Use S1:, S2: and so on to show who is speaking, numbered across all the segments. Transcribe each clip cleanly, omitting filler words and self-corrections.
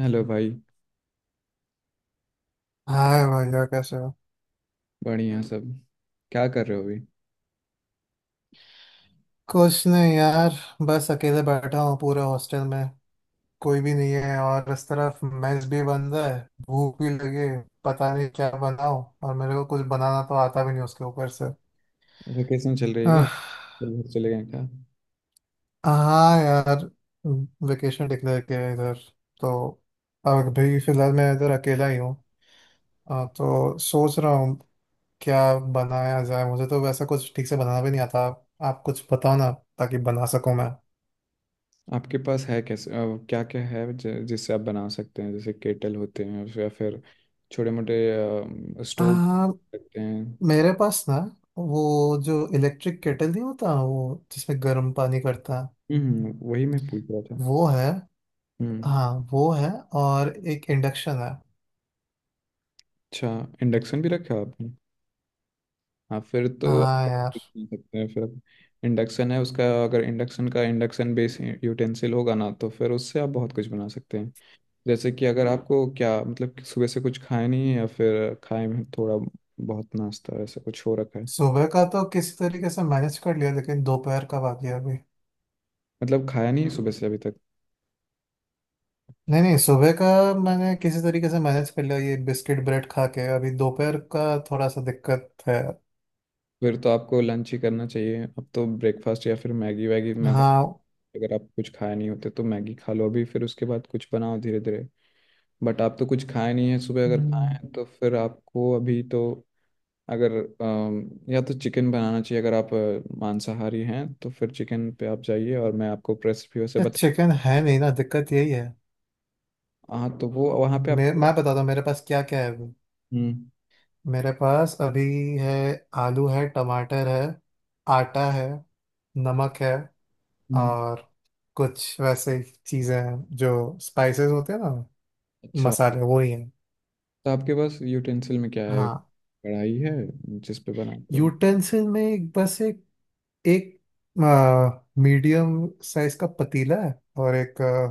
S1: Hello भाई।
S2: Hi भैया, कैसे हो?
S1: बढ़िया सब। क्या कर रहे हो अभी।
S2: कुछ नहीं यार, बस अकेले बैठा हूँ पूरे हॉस्टल में। कोई भी नहीं है और इस तरफ मेस भी बंद है। भूख भी लगी है, पता नहीं क्या बनाऊँ, और मेरे को कुछ बनाना तो आता भी नहीं उसके ऊपर से।
S1: वेकेशन चल रही है क्या,
S2: आह,
S1: तो घर चले गए क्या।
S2: हाँ यार, वेकेशन डिक्लेयर किया है इधर, तो अभी फिलहाल मैं इधर अकेला ही हूँ। हाँ, तो सोच रहा हूँ क्या बनाया जाए, मुझे तो वैसा कुछ ठीक से बनाना भी नहीं आता। आप कुछ बताओ ना, ताकि बना सकूँ मैं।
S1: आपके पास है कैसे, क्या क्या है जिससे आप बना सकते हैं, जैसे केटल होते हैं या फिर छोटे मोटे स्टोव
S2: हाँ,
S1: रखते हैं।
S2: मेरे पास ना वो जो इलेक्ट्रिक केटल नहीं होता, वो जिसमें गर्म पानी करता है,
S1: वही मैं पूछ रहा था।
S2: वो है।
S1: हम्म।
S2: हाँ, वो है। और एक इंडक्शन है।
S1: अच्छा। इंडक्शन भी रखा है आपने। हाँ, फिर तो आप
S2: हाँ यार।
S1: कुछ नहीं सकते हैं फिर। इंडक्शन है उसका, अगर इंडक्शन का इंडक्शन बेस यूटेंसिल होगा ना, तो फिर उससे आप बहुत कुछ बना सकते हैं। जैसे कि अगर आपको क्या मतलब कि सुबह से कुछ खाया नहीं है या फिर खाए में थोड़ा बहुत नाश्ता ऐसा कुछ हो रखा है।
S2: सुबह का तो किसी तरीके से मैनेज कर लिया, लेकिन दोपहर का बाकी है अभी।
S1: मतलब खाया नहीं है सुबह से अभी तक।
S2: नहीं नहीं, सुबह का मैंने किसी तरीके से मैनेज कर लिया ये बिस्किट ब्रेड खा के, अभी दोपहर का थोड़ा सा दिक्कत है।
S1: फिर तो आपको लंच ही करना चाहिए अब तो, ब्रेकफास्ट या फिर मैगी वैगी। मैं,
S2: हाँ।
S1: अगर आप कुछ खाए नहीं होते तो मैगी खा लो अभी, फिर उसके बाद कुछ बनाओ धीरे धीरे। बट आप तो कुछ खाए नहीं है सुबह, अगर खाए
S2: हम्म,
S1: हैं तो फिर आपको अभी तो अगर या तो चिकन बनाना चाहिए, अगर आप मांसाहारी हैं तो फिर चिकन पे आप जाइए, और मैं आपको रेसिपी वैसे
S2: ये
S1: बता।
S2: चिकन है नहीं ना, दिक्कत यही है।
S1: हाँ, तो वो वहाँ पे
S2: मैं
S1: आपको।
S2: मैं बताता हूँ मेरे पास क्या क्या है।
S1: हम्म,
S2: मेरे पास अभी है, आलू है, टमाटर है, आटा है, नमक है।
S1: हम्म।
S2: और कुछ वैसे चीज़ें हैं जो स्पाइसेस होते हैं ना,
S1: अच्छा,
S2: मसाले वो ही हैं।
S1: तो आपके पास यूटेंसिल में क्या है।
S2: हाँ,
S1: कढ़ाई है जिस पे बनाते हैं।
S2: यूटेंसिल में एक बस एक एक मीडियम साइज का पतीला है, और एक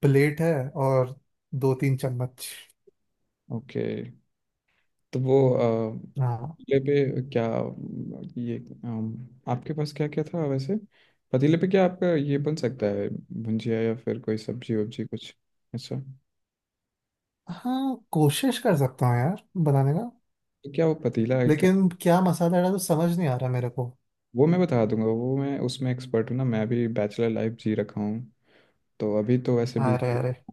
S2: प्लेट है, और दो तीन चम्मच।
S1: ओके, तो वो
S2: हाँ
S1: पतीले पे क्या, ये आपके पास क्या क्या था वैसे, पतीले पे क्या आपका ये बन सकता है, भुंजिया या फिर कोई सब्जी वब्जी कुछ। अच्छा,
S2: हाँ, कोशिश कर सकता हूँ यार बनाने का,
S1: तो क्या वो पतीला है क्या।
S2: लेकिन क्या मसाला डाला तो समझ नहीं आ रहा मेरे को।
S1: वो मैं बता दूंगा, वो मैं उसमें एक्सपर्ट हूँ ना, मैं अभी बैचलर लाइफ जी रखा हूँ, तो अभी तो वैसे भी।
S2: अरे अरे।
S1: तो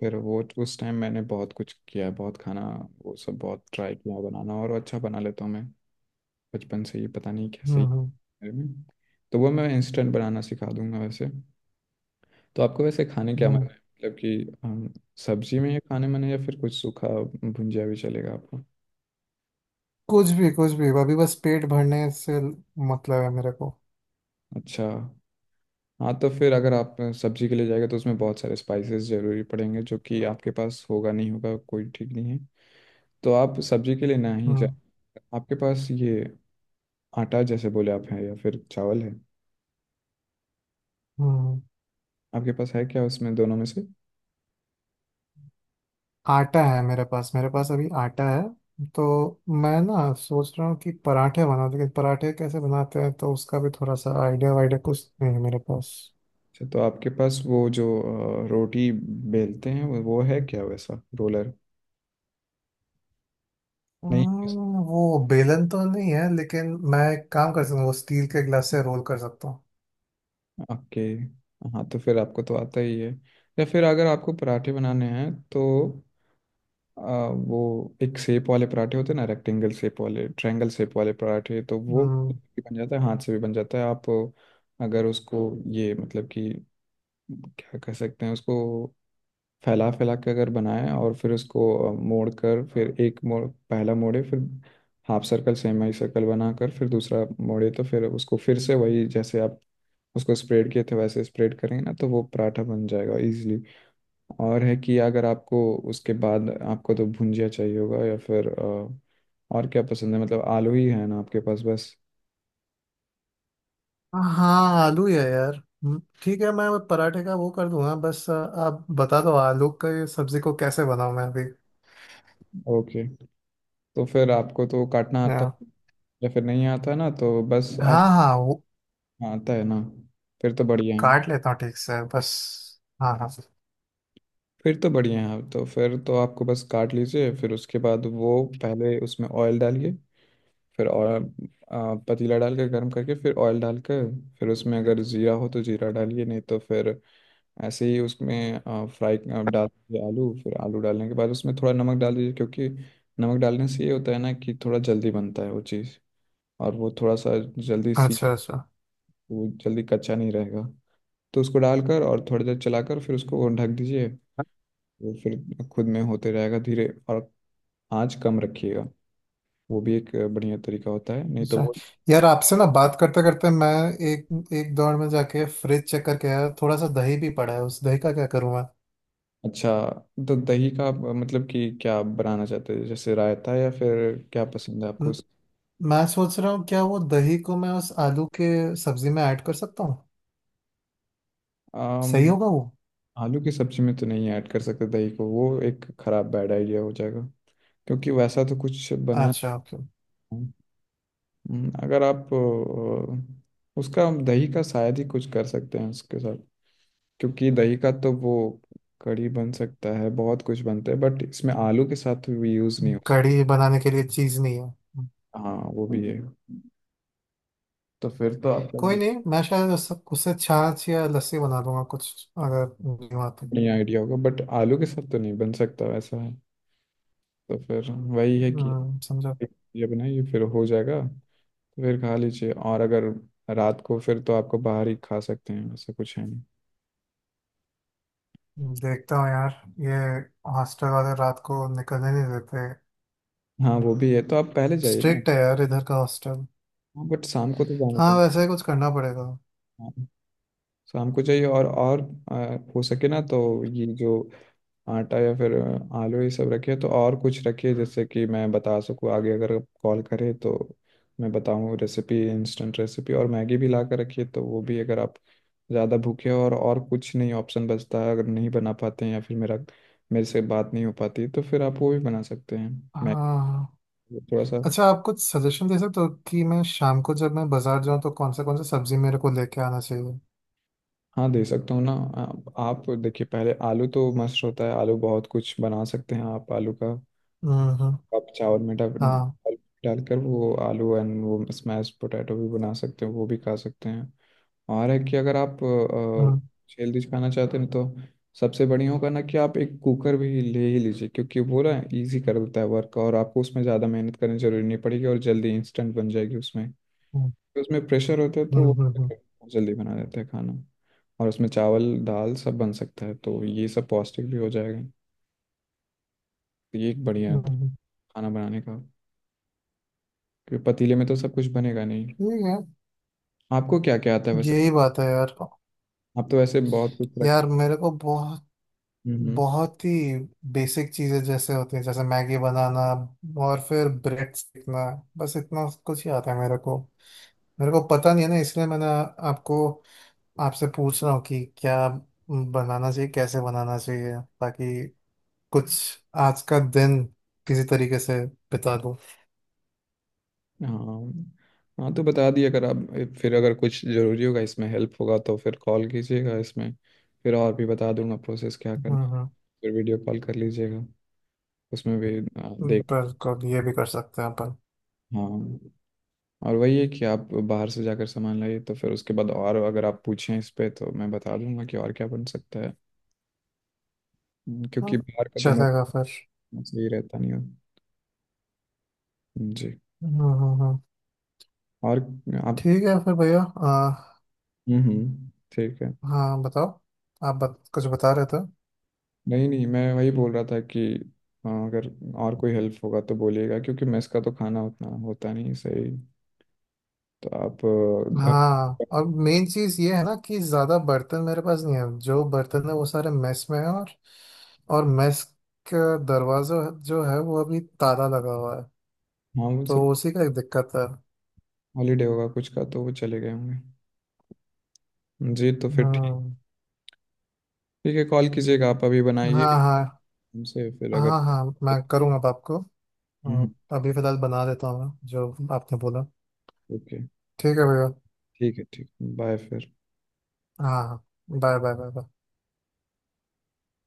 S1: फिर वो उस टाइम मैंने बहुत कुछ किया है, बहुत खाना वो सब बहुत ट्राई किया है बनाना, और अच्छा बना लेता हूँ मैं बचपन से ही, पता नहीं कैसे ही
S2: हम्म।
S1: मेरे में। तो वो मैं इंस्टेंट बनाना सिखा दूंगा वैसे। तो आपको वैसे खाने क्या
S2: हम्म।
S1: मन है, मतलब कि सब्जी में ही खाने मन है या फिर कुछ सूखा, भुंजिया भी चलेगा आपको।
S2: कुछ भी कुछ भी, अभी बस पेट भरने से मतलब है मेरे को।
S1: अच्छा। हाँ, तो फिर अगर आप सब्जी के लिए जाएगा तो उसमें बहुत सारे स्पाइसेस जरूरी पड़ेंगे, जो कि आपके पास होगा नहीं, होगा कोई ठीक नहीं है, तो आप सब्जी के लिए ना ही जाए।
S2: हम्म
S1: आपके पास ये आटा जैसे बोले आप हैं या फिर चावल है,
S2: हम्म हम्म।
S1: आपके पास है क्या उसमें दोनों में से।
S2: आटा है मेरे पास अभी आटा है, तो मैं ना सोच रहा हूँ कि पराठे बनाऊँ, लेकिन पराठे कैसे बनाते हैं तो उसका भी थोड़ा सा आइडिया वाइडिया कुछ नहीं है मेरे पास।
S1: अच्छा, तो आपके पास वो जो रोटी बेलते हैं वो है क्या, वैसा रोलर। नहीं।
S2: वो बेलन तो नहीं है, लेकिन मैं एक काम कर सकता हूँ, वो स्टील के गिलास से रोल कर सकता हूँ।
S1: ओके। हाँ, तो फिर आपको तो आता ही है, या फिर अगर आपको पराठे बनाने हैं तो अ, वो एक शेप वाले पराठे होते हैं ना, रेक्टेंगल शेप वाले, ट्रायंगल शेप वाले पराठे, तो वो
S2: हम्म।
S1: भी बन जाता है, हाथ से भी बन जाता है, आप अगर उसको, ये मतलब कि क्या कह सकते हैं उसको, फैला फैला के अगर बनाए, और फिर उसको मोड़ कर, फिर एक मोड़, पहला मोड़े, फिर हाफ सर्कल सेमी सर्कल बनाकर फिर दूसरा मोड़े, तो फिर उसको फिर से वही जैसे आप उसको स्प्रेड किए थे वैसे स्प्रेड करेंगे ना, तो वो पराठा बन जाएगा इजीली। और है कि अगर आपको उसके बाद, आपको तो भुंजिया चाहिए होगा या फिर और क्या पसंद है, मतलब आलू ही है ना आपके पास बस।
S2: हाँ, आलू ही है यार। ठीक है, मैं वो पराठे का वो कर दूंगा। बस आप बता दो आलू का ये सब्जी को कैसे बनाऊं मैं अभी।
S1: ओके, तो फिर आपको तो काटना आता
S2: हाँ।
S1: या फिर नहीं आता ना, तो बस आप।
S2: हाँ। हाँ, वो
S1: हाँ, आता है ना, फिर तो बढ़िया है।
S2: काट लेता हूँ ठीक से बस। हाँ हाँ।
S1: फिर तो बढ़िया है, तो फिर तो आपको बस काट लीजिए, फिर उसके बाद वो पहले उसमें ऑयल डालिए, फिर और पतीला डाल के गर्म करके फिर ऑयल डाल के, फिर उसमें अगर जीरा हो तो जीरा डालिए, नहीं तो फिर ऐसे ही उसमें फ्राई डाल दीजिए आलू, फिर आलू डालने के बाद उसमें थोड़ा नमक डाल दीजिए, क्योंकि नमक डालने से ये होता है ना कि थोड़ा जल्दी बनता है वो चीज़, और वो थोड़ा सा जल्दी सी,
S2: अच्छा अच्छा।
S1: वो जल्दी कच्चा नहीं रहेगा। तो उसको डालकर और थोड़ी देर चलाकर फिर उसको ढक दीजिए, वो फिर खुद में होते रहेगा धीरे, और आँच कम रखिएगा। वो भी एक बढ़िया तरीका होता है, नहीं तो
S2: अच्छा
S1: वो।
S2: यार, आपसे ना बात करते करते मैं एक एक दौर में जाके फ्रिज चेक करके आया, थोड़ा सा दही भी पड़ा है, उस दही का क्या करूँ मैं?
S1: अच्छा। तो दही का मतलब कि क्या बनाना चाहते हैं, जैसे रायता, या फिर क्या पसंद है
S2: म-
S1: आपको।
S2: मैं सोच रहा हूँ क्या वो दही को मैं उस आलू के सब्जी में ऐड कर सकता हूँ, सही
S1: आम,
S2: होगा वो?
S1: आलू की सब्जी में तो नहीं ऐड कर सकते दही को, वो एक खराब बैड आइडिया हो जाएगा, क्योंकि वैसा तो कुछ बना।
S2: अच्छा, ओके।
S1: अगर आप उसका दही का शायद ही कुछ कर सकते हैं उसके साथ, क्योंकि दही का तो वो कढ़ी बन सकता है, बहुत कुछ बनता है, बट इसमें आलू के साथ भी यूज़ नहीं हो सकता।
S2: कढ़ी बनाने के लिए चीज़ नहीं है।
S1: हाँ, वो भी है, तो फिर तो आपका।
S2: कोई नहीं, मैं शायद उससे छाछ या लस्सी बना लूंगा कुछ, अगर नहीं आती।
S1: नहीं, आइडिया होगा, बट आलू के साथ तो नहीं बन सकता वैसा है, तो फिर वही है कि
S2: समझा।
S1: ये बनाइए फिर हो जाएगा। तो फिर खा लीजिए, और अगर रात को, फिर तो आपको बाहर ही खा सकते हैं ऐसा कुछ है नहीं।
S2: देखता हूँ यार ये, हॉस्टल वाले रात को निकलने नहीं देते।
S1: हाँ, वो भी है, तो आप पहले जाइए ना।
S2: स्ट्रिक्ट है यार इधर का हॉस्टल।
S1: हाँ, बट शाम को तो जाना
S2: हाँ,
S1: पड़ेगा।
S2: वैसे ही कुछ करना पड़ेगा।
S1: हाँ, शाम को जाइए, और हो सके ना तो ये जो आटा या फिर आलू, ये सब रखिए, तो और कुछ रखिए जिससे कि मैं बता सकूँ आगे, अगर कॉल करे तो मैं बताऊँ रेसिपी, इंस्टेंट रेसिपी, और मैगी भी ला कर रखिए, तो वो भी, अगर आप ज़्यादा भूखे हो और कुछ नहीं ऑप्शन बचता है, अगर नहीं बना पाते हैं या फिर मेरा मेरे से बात नहीं हो पाती, तो फिर आप वो भी बना सकते हैं।
S2: हाँ
S1: मैं
S2: हाँ।
S1: थोड़ा सा।
S2: अच्छा, आप कुछ सजेशन दे सकते हो कि मैं शाम को जब मैं बाजार जाऊँ तो कौन से सब्जी मेरे को लेके आना चाहिए?
S1: हाँ, दे सकता हूँ ना। आप देखिए पहले, आलू तो मस्त होता है, आलू बहुत कुछ बना सकते हैं आप, आलू का
S2: हम्म।
S1: आप चावल में
S2: हाँ।
S1: डालकर वो आलू, एंड वो स्मैश पोटैटो भी बना सकते हो, वो भी खा सकते हैं। और है कि अगर आप
S2: हम्म
S1: हेल्दी खाना चाहते हैं तो सबसे बढ़िया होगा ना कि आप एक कुकर भी ले ही लीजिए, क्योंकि वो ना ईजी कर देता है वर्क, और आपको उसमें ज़्यादा मेहनत करनी जरूरी नहीं पड़ेगी, और जल्दी इंस्टेंट बन जाएगी उसमें,
S2: हम्म
S1: तो उसमें प्रेशर होता है तो वो
S2: हम्म।
S1: जल्दी बना देता है खाना, और उसमें चावल दाल सब बन सकता है, तो ये सब पौष्टिक भी हो जाएगा, तो ये एक बढ़िया है
S2: हम्म। हम्म।
S1: खाना बनाने का, क्योंकि पतीले में तो सब कुछ बनेगा नहीं।
S2: ठीक है।
S1: आपको क्या क्या आता है वैसे,
S2: यही बात है यार,
S1: आप तो वैसे बहुत कुछ रखे।
S2: यार मेरे को बहुत
S1: हम्म
S2: बहुत ही बेसिक चीजें जैसे होती हैं, जैसे मैगी बनाना और फिर ब्रेड सीखना, बस इतना कुछ ही आता है मेरे को। मेरे को पता नहीं है ना, इसलिए मैंने आपको आपसे पूछ रहा हूँ कि क्या बनाना चाहिए, कैसे बनाना चाहिए, ताकि कुछ आज का दिन किसी तरीके से बिता दूँ।
S1: हाँ हाँ, तो बता दिए अगर आप, फिर अगर कुछ जरूरी होगा इसमें हेल्प होगा तो फिर कॉल कीजिएगा, इसमें फिर और भी बता दूंगा प्रोसेस क्या करना है,
S2: हम्म
S1: फिर वीडियो कॉल कर लीजिएगा, उसमें भी देख।
S2: बिल्कुल, ये भी कर सकते हैं अपन।
S1: हाँ, और वही है कि आप बाहर से जाकर सामान लाइए, तो फिर उसके बाद और अगर आप पूछें इस पे तो मैं बता दूंगा कि और क्या बन सकता है। क्योंकि
S2: हाँ,
S1: बाहर का तो मैं
S2: चलेगा फिर।
S1: सही रहता नहीं हूँ। जी।
S2: हम्म हम्म हम्म।
S1: और आप।
S2: ठीक है फिर भैया।
S1: हम्म, ठीक है।
S2: हाँ बताओ, आप कुछ बता रहे थे?
S1: नहीं नहीं, मैं वही बोल रहा था कि हाँ, अगर और कोई हेल्प होगा तो बोलिएगा, क्योंकि मेस का तो खाना उतना होता नहीं सही, तो आप घर।
S2: हाँ, और मेन चीज ये है ना कि ज्यादा बर्तन मेरे पास नहीं है, जो बर्तन है वो सारे मेस में है, और मेस का दरवाजा जो है वो अभी ताला लगा हुआ है,
S1: हाँ, वो
S2: तो
S1: सब
S2: उसी का एक दिक्कत है।
S1: हॉलीडे होगा कुछ का, तो वो चले गए होंगे। जी, तो फिर ठीक।
S2: हम्म।
S1: ठीक है, कॉल कीजिएगा आप अभी बनाइए
S2: हाँ हाँ।
S1: हमसे, फिर अगर।
S2: हाँ हाँ, मैं करूँगा अब आपको।
S1: हम्म।
S2: अ, अभी फिलहाल बना देता हूँ मैं, जो आपने बोला।
S1: ओके।
S2: ठीक है भैया।
S1: ठीक है ठीक। बाय फिर।
S2: हाँ। Bye bye bye bye.